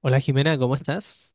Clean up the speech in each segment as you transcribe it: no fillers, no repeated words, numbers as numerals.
Hola Jimena, ¿cómo estás?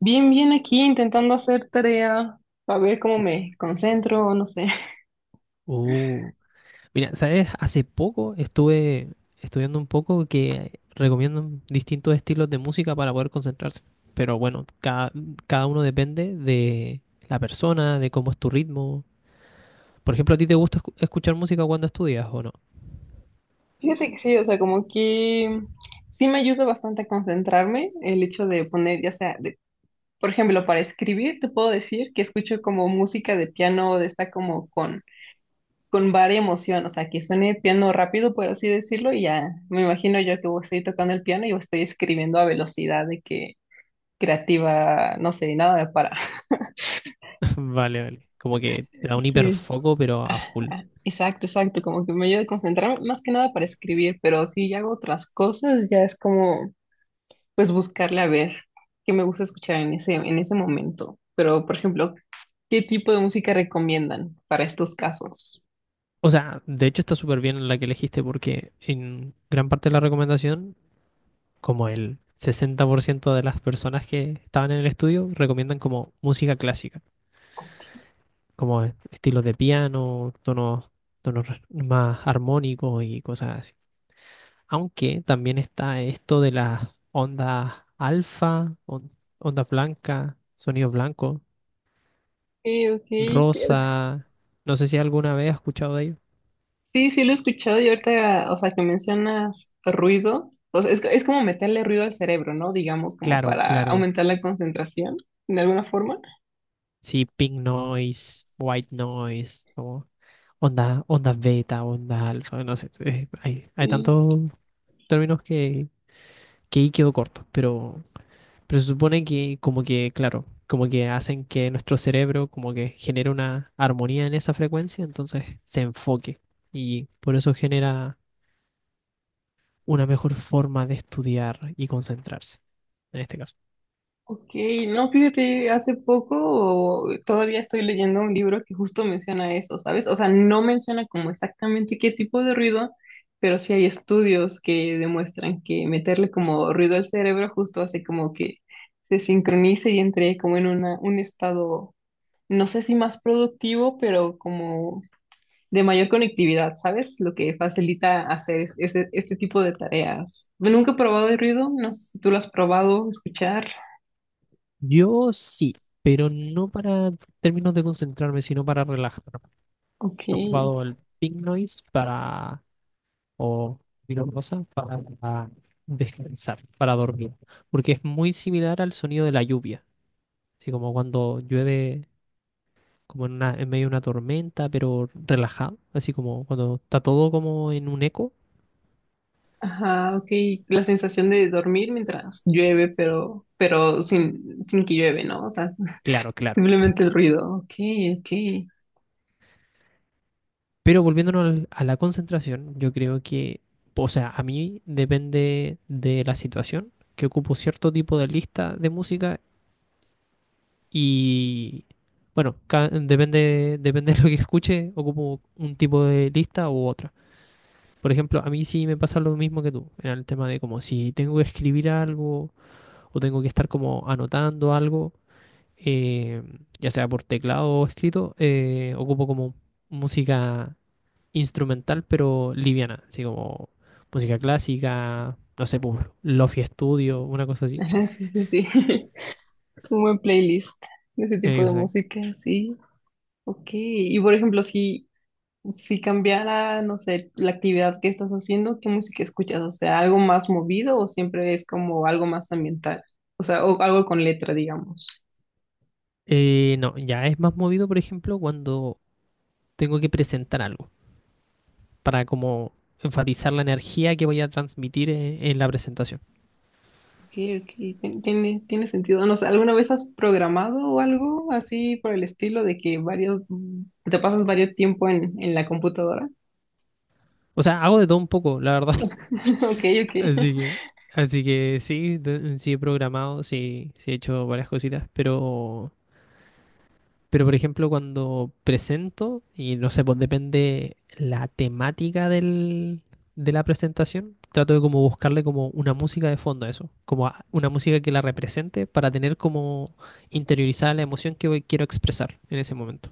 Bien, bien aquí intentando hacer tarea para ver cómo Uh, me concentro, o no sé. uh, Mira, ¿sabes? Hace poco estuve estudiando un poco que recomiendan distintos estilos de música para poder concentrarse. Pero bueno, cada uno depende de la persona, de cómo es tu ritmo. Por ejemplo, ¿a ti te gusta escuchar música cuando estudias o no? Fíjate que sí, o sea, como que sí me ayuda bastante a concentrarme el hecho de poner, ya sea, por ejemplo, para escribir, te puedo decir que escucho como música de piano, de esta como con varia emoción, o sea, que suene piano rápido, por así decirlo, y ya me imagino yo que voy- a estoy tocando el piano y estoy escribiendo a velocidad de que creativa, no sé, nada me para. Vale, vale. Como que te da un Sí. hiperfoco, pero a Ah, full. ah, exacto, exacto, como que me ayuda a concentrarme más que nada para escribir, pero si hago otras cosas, ya es como pues buscarle a ver qué me gusta escuchar en ese momento. Pero, por ejemplo, ¿qué tipo de música recomiendan para estos casos? O sea, de hecho está súper bien la que elegiste porque en gran parte de la recomendación como el 60% de las personas que estaban en el estudio recomiendan como música clásica, como estilos de piano, más armónicos y cosas así. Aunque también está esto de las ondas alfa, ondas blancas, sonidos blancos, Ok, ok, sí, rosa. No sé si alguna vez has escuchado de ellos. sí, sí lo he escuchado y ahorita, o sea, que mencionas ruido, o sea, es como meterle ruido al cerebro, ¿no? Digamos, como Claro, para claro. aumentar la concentración, de alguna forma. Sí, pink noise, white noise, como ondas beta, ondas alfa, no sé. Hay tantos términos que ahí quedó corto, pero se supone que como que, claro, como que hacen que nuestro cerebro como que genere una armonía en esa frecuencia, entonces se enfoque y por eso genera una mejor forma de estudiar y concentrarse, en este caso. Ok, no, fíjate, hace poco todavía estoy leyendo un libro que justo menciona eso, ¿sabes? O sea, no menciona como exactamente qué tipo de ruido, pero sí hay estudios que demuestran que meterle como ruido al cerebro justo hace como que se sincronice y entre como en un estado, no sé si más productivo, pero como de mayor conectividad, ¿sabes? Lo que facilita hacer este tipo de tareas. Nunca he probado el ruido, no sé si tú lo has probado, escuchar. Yo sí, pero no para términos de concentrarme, sino para relajar. Ok. He ocupado el pink noise para, o cualquier cosa, para descansar, para dormir porque es muy similar al sonido de la lluvia. Así como cuando llueve como en en medio de una tormenta, pero relajado, así como cuando está todo como en un eco. Ajá, ok. La sensación de dormir mientras llueve, pero, sin que llueve, ¿no? O sea, Claro, claro. simplemente el ruido. Ok, ok. Pero volviéndonos a la concentración, yo creo que, o sea, a mí depende de la situación, que ocupo cierto tipo de lista de música y, bueno, depende, depende de lo que escuche, ocupo un tipo de lista u otra. Por ejemplo, a mí sí me pasa lo mismo que tú, en el tema de como si tengo que escribir algo o tengo que estar como anotando algo, eh, ya sea por teclado o escrito, ocupo como música instrumental pero liviana, así como música clásica, no sé, por Lofi Studio, una cosa así. Ajá, sí, sí, sí. Un buen playlist de ese tipo de Exacto. música, sí. Ok. Y por ejemplo, si cambiara, no sé, la actividad que estás haciendo, ¿qué música escuchas? O sea, ¿algo más movido o siempre es como algo más ambiental? O sea, o algo con letra, digamos. No, ya es más movido, por ejemplo, cuando tengo que presentar algo, para como enfatizar la energía que voy a transmitir en la presentación. Ok, ok, tiene sentido. No sé, ¿alguna vez has programado o algo así por el estilo de que varios, te pasas varios tiempo en la computadora? O sea, hago de todo un poco, la verdad. Ok, ok. Así que, así que sí, sí he programado, sí, sí he hecho varias cositas, pero por ejemplo cuando presento, y no sé, pues depende la temática del, de la presentación, trato de como buscarle como una música de fondo a eso, como una música que la represente para tener como interiorizada la emoción que quiero expresar en ese momento.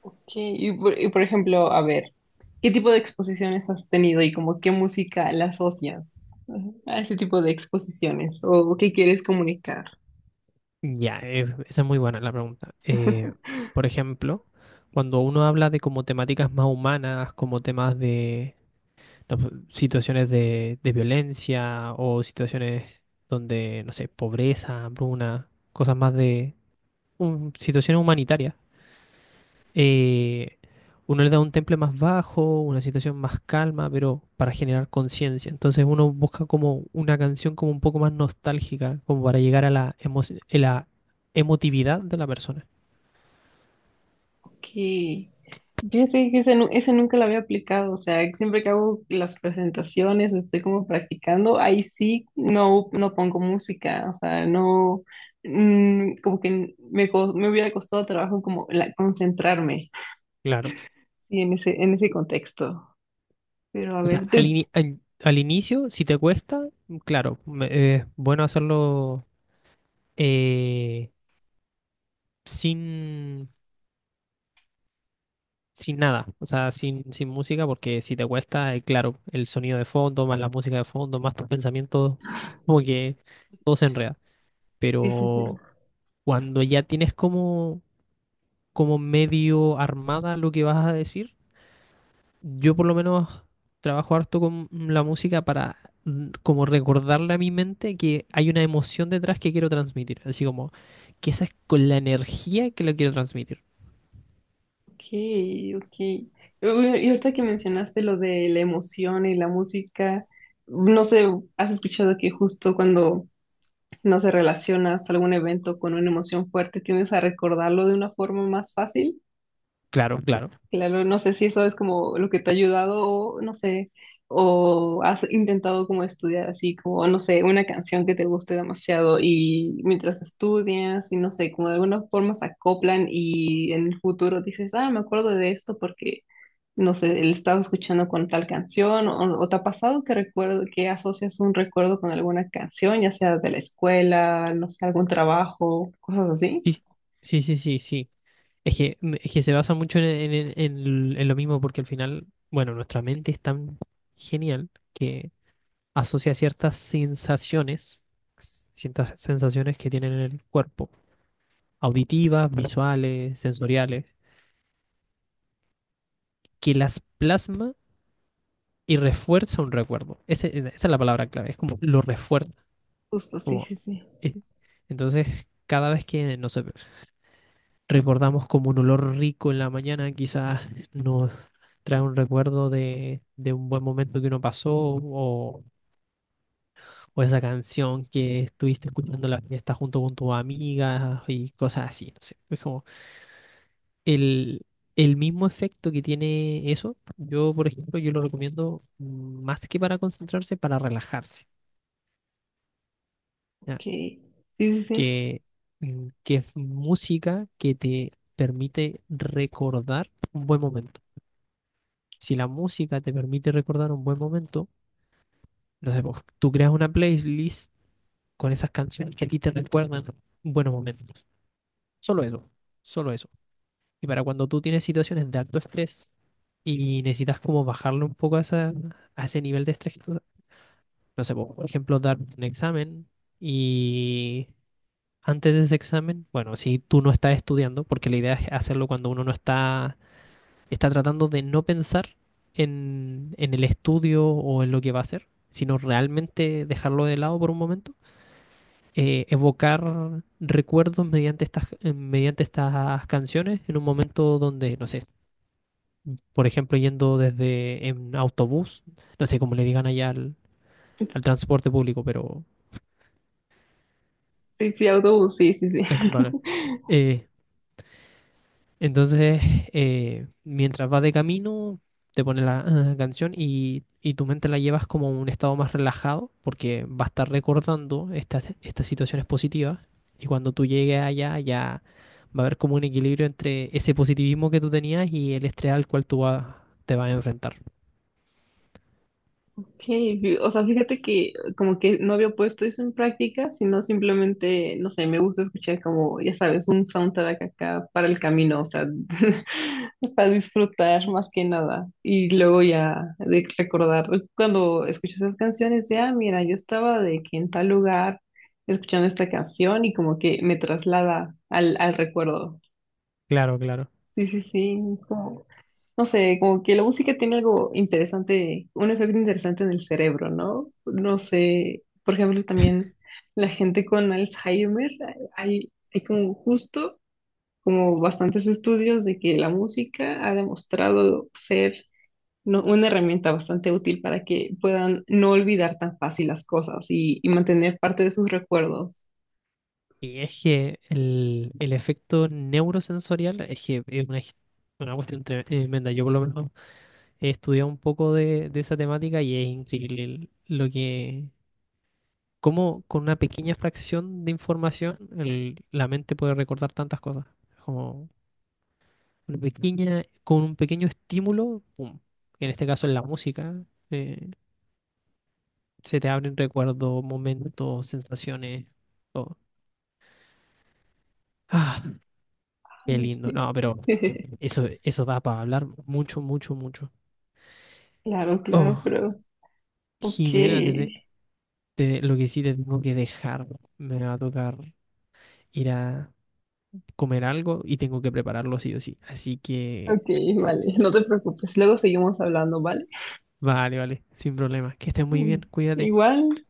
Ok, y por ejemplo, a ver, ¿qué tipo de exposiciones has tenido y como qué música la asocias, ajá, a ese tipo de exposiciones o qué quieres comunicar? Ya, esa es muy buena la pregunta. Por ejemplo, cuando uno habla de como temáticas más humanas, como temas de, las situaciones de violencia o situaciones donde, no sé, pobreza, hambruna, cosas más de situaciones humanitarias. eh, uno le da un temple más bajo, una situación más calma, pero para generar conciencia. Entonces uno busca como una canción como un poco más nostálgica, como para llegar a la, a la emotividad de la persona. Que fíjate que ese nunca lo había aplicado, o sea, siempre que hago las presentaciones o estoy como practicando, ahí sí no, no pongo música, o sea, no, como que me hubiera costado trabajo como concentrarme Claro. sí, en ese contexto. Pero a O sea, ver, tú, al inicio, si te cuesta, claro, es bueno hacerlo. eh, sin, sin nada, o sea, sin, sin música, porque si te cuesta, claro, el sonido de fondo, más la música de fondo, más tus pensamientos, como que todo se enreda. sí, sí, sí, Pero cuando ya tienes como, como medio armada lo que vas a decir, yo por lo menos trabajo harto con la música para como recordarle a mi mente que hay una emoción detrás que quiero transmitir, así como que esa es con la energía que lo quiero transmitir. ok, ok. Y ahorita que mencionaste lo de la emoción y la música, no sé, has escuchado que justo cuando no se relacionas algún evento con una emoción fuerte, tiendes a recordarlo de una forma más fácil. Claro, claro. Claro, no sé si eso es como lo que te ha ayudado o no sé, o has intentado como estudiar así como, no sé, una canción que te guste demasiado y mientras estudias y no sé, como de alguna forma se acoplan y en el futuro dices, ah, me acuerdo de esto porque no sé, el estado escuchando con tal canción, o te ha pasado que recuerdo, que asocias un recuerdo con alguna canción, ya sea de la escuela, no sé, algún trabajo, cosas así. Sí, sí, sí, sí, sí. Es que, es que se basa mucho en, en lo mismo porque al final, bueno, nuestra mente es tan genial que asocia ciertas sensaciones que tienen en el cuerpo, auditivas, visuales, sensoriales, que las plasma y refuerza un recuerdo. E, esa es la palabra clave, es como lo refuerza. Justo, sí, Como, sí, sí. eh, Entonces, cada vez que, no sé, recordamos como un olor rico en la mañana, quizás nos trae un recuerdo de un buen momento que uno pasó o esa canción que estuviste escuchando en la fiesta junto con tus amigas y cosas así, no sé. Es como el, el mismo efecto que tiene eso, yo por ejemplo, yo lo recomiendo más que para concentrarse, para relajarse, ¿ya? Ok. Sí, sí, sí. Que, que es música que te permite recordar un buen momento. Si la música te permite recordar un buen momento, no sé, pues, tú creas una playlist con esas canciones que a ti te recuerdan buenos momentos. Solo eso, solo eso. Y para cuando tú tienes situaciones de alto estrés y necesitas como bajarle un poco a, a ese nivel de estrés, que no sé, pues, por ejemplo, dar un examen y antes de ese examen, bueno, si tú no estás estudiando, porque la idea es hacerlo cuando uno no está está tratando de no pensar en el estudio o en lo que va a hacer, sino realmente dejarlo de lado por un momento, evocar recuerdos mediante estas canciones en un momento donde, no sé, por ejemplo, yendo desde en autobús, no sé cómo le digan allá al, al transporte público, pero Sí, sí, autobús, sí, sí, sí. Vale, eh, Entonces mientras vas de camino, te pones la canción y tu mente la llevas como a un estado más relajado, porque va a estar recordando estas, estas situaciones positivas. Y cuando tú llegues allá, ya va a haber como un equilibrio entre ese positivismo que tú tenías y el estrés al cual tú te vas a enfrentar. Okay, o sea, fíjate que como que no había puesto eso en práctica, sino simplemente, no sé, me gusta escuchar como, ya sabes, un soundtrack acá para el camino, o sea, para disfrutar más que nada. Y luego ya de recordar, cuando escucho esas canciones, ya, mira, yo estaba de que en tal lugar escuchando esta canción y como que me traslada al recuerdo. Claro, claro. Sí, sí, sí, es como, no sé, como que la música tiene algo interesante, un efecto interesante en el cerebro, ¿no? No sé, por ejemplo, también la gente con Alzheimer, hay como justo como bastantes estudios de que la música ha demostrado ser una herramienta bastante útil para que puedan no olvidar tan fácil las cosas y mantener parte de sus recuerdos. Y es que el efecto neurosensorial es que es una, una cuestión tremenda. Yo por lo menos he estudiado un poco de esa temática y es increíble lo que, cómo con una pequeña fracción de información la mente puede recordar tantas cosas. Como una pequeña, con un pequeño estímulo, pum. En este caso en la música, eh, se te abren recuerdos, momentos, sensaciones, todo. Ah, Qué no lindo. sé. No, pero eso da para hablar mucho, mucho, mucho. Claro, claro, Oh, pero ok. Jimena, lo que sí te tengo que dejar. Me va a tocar ir a comer algo y tengo que prepararlo sí o sí. Así que, Ok, vale, no te preocupes, luego seguimos hablando, ¿vale? vale, vale, sin problema. Que estés muy Mm, bien, cuídate. igual,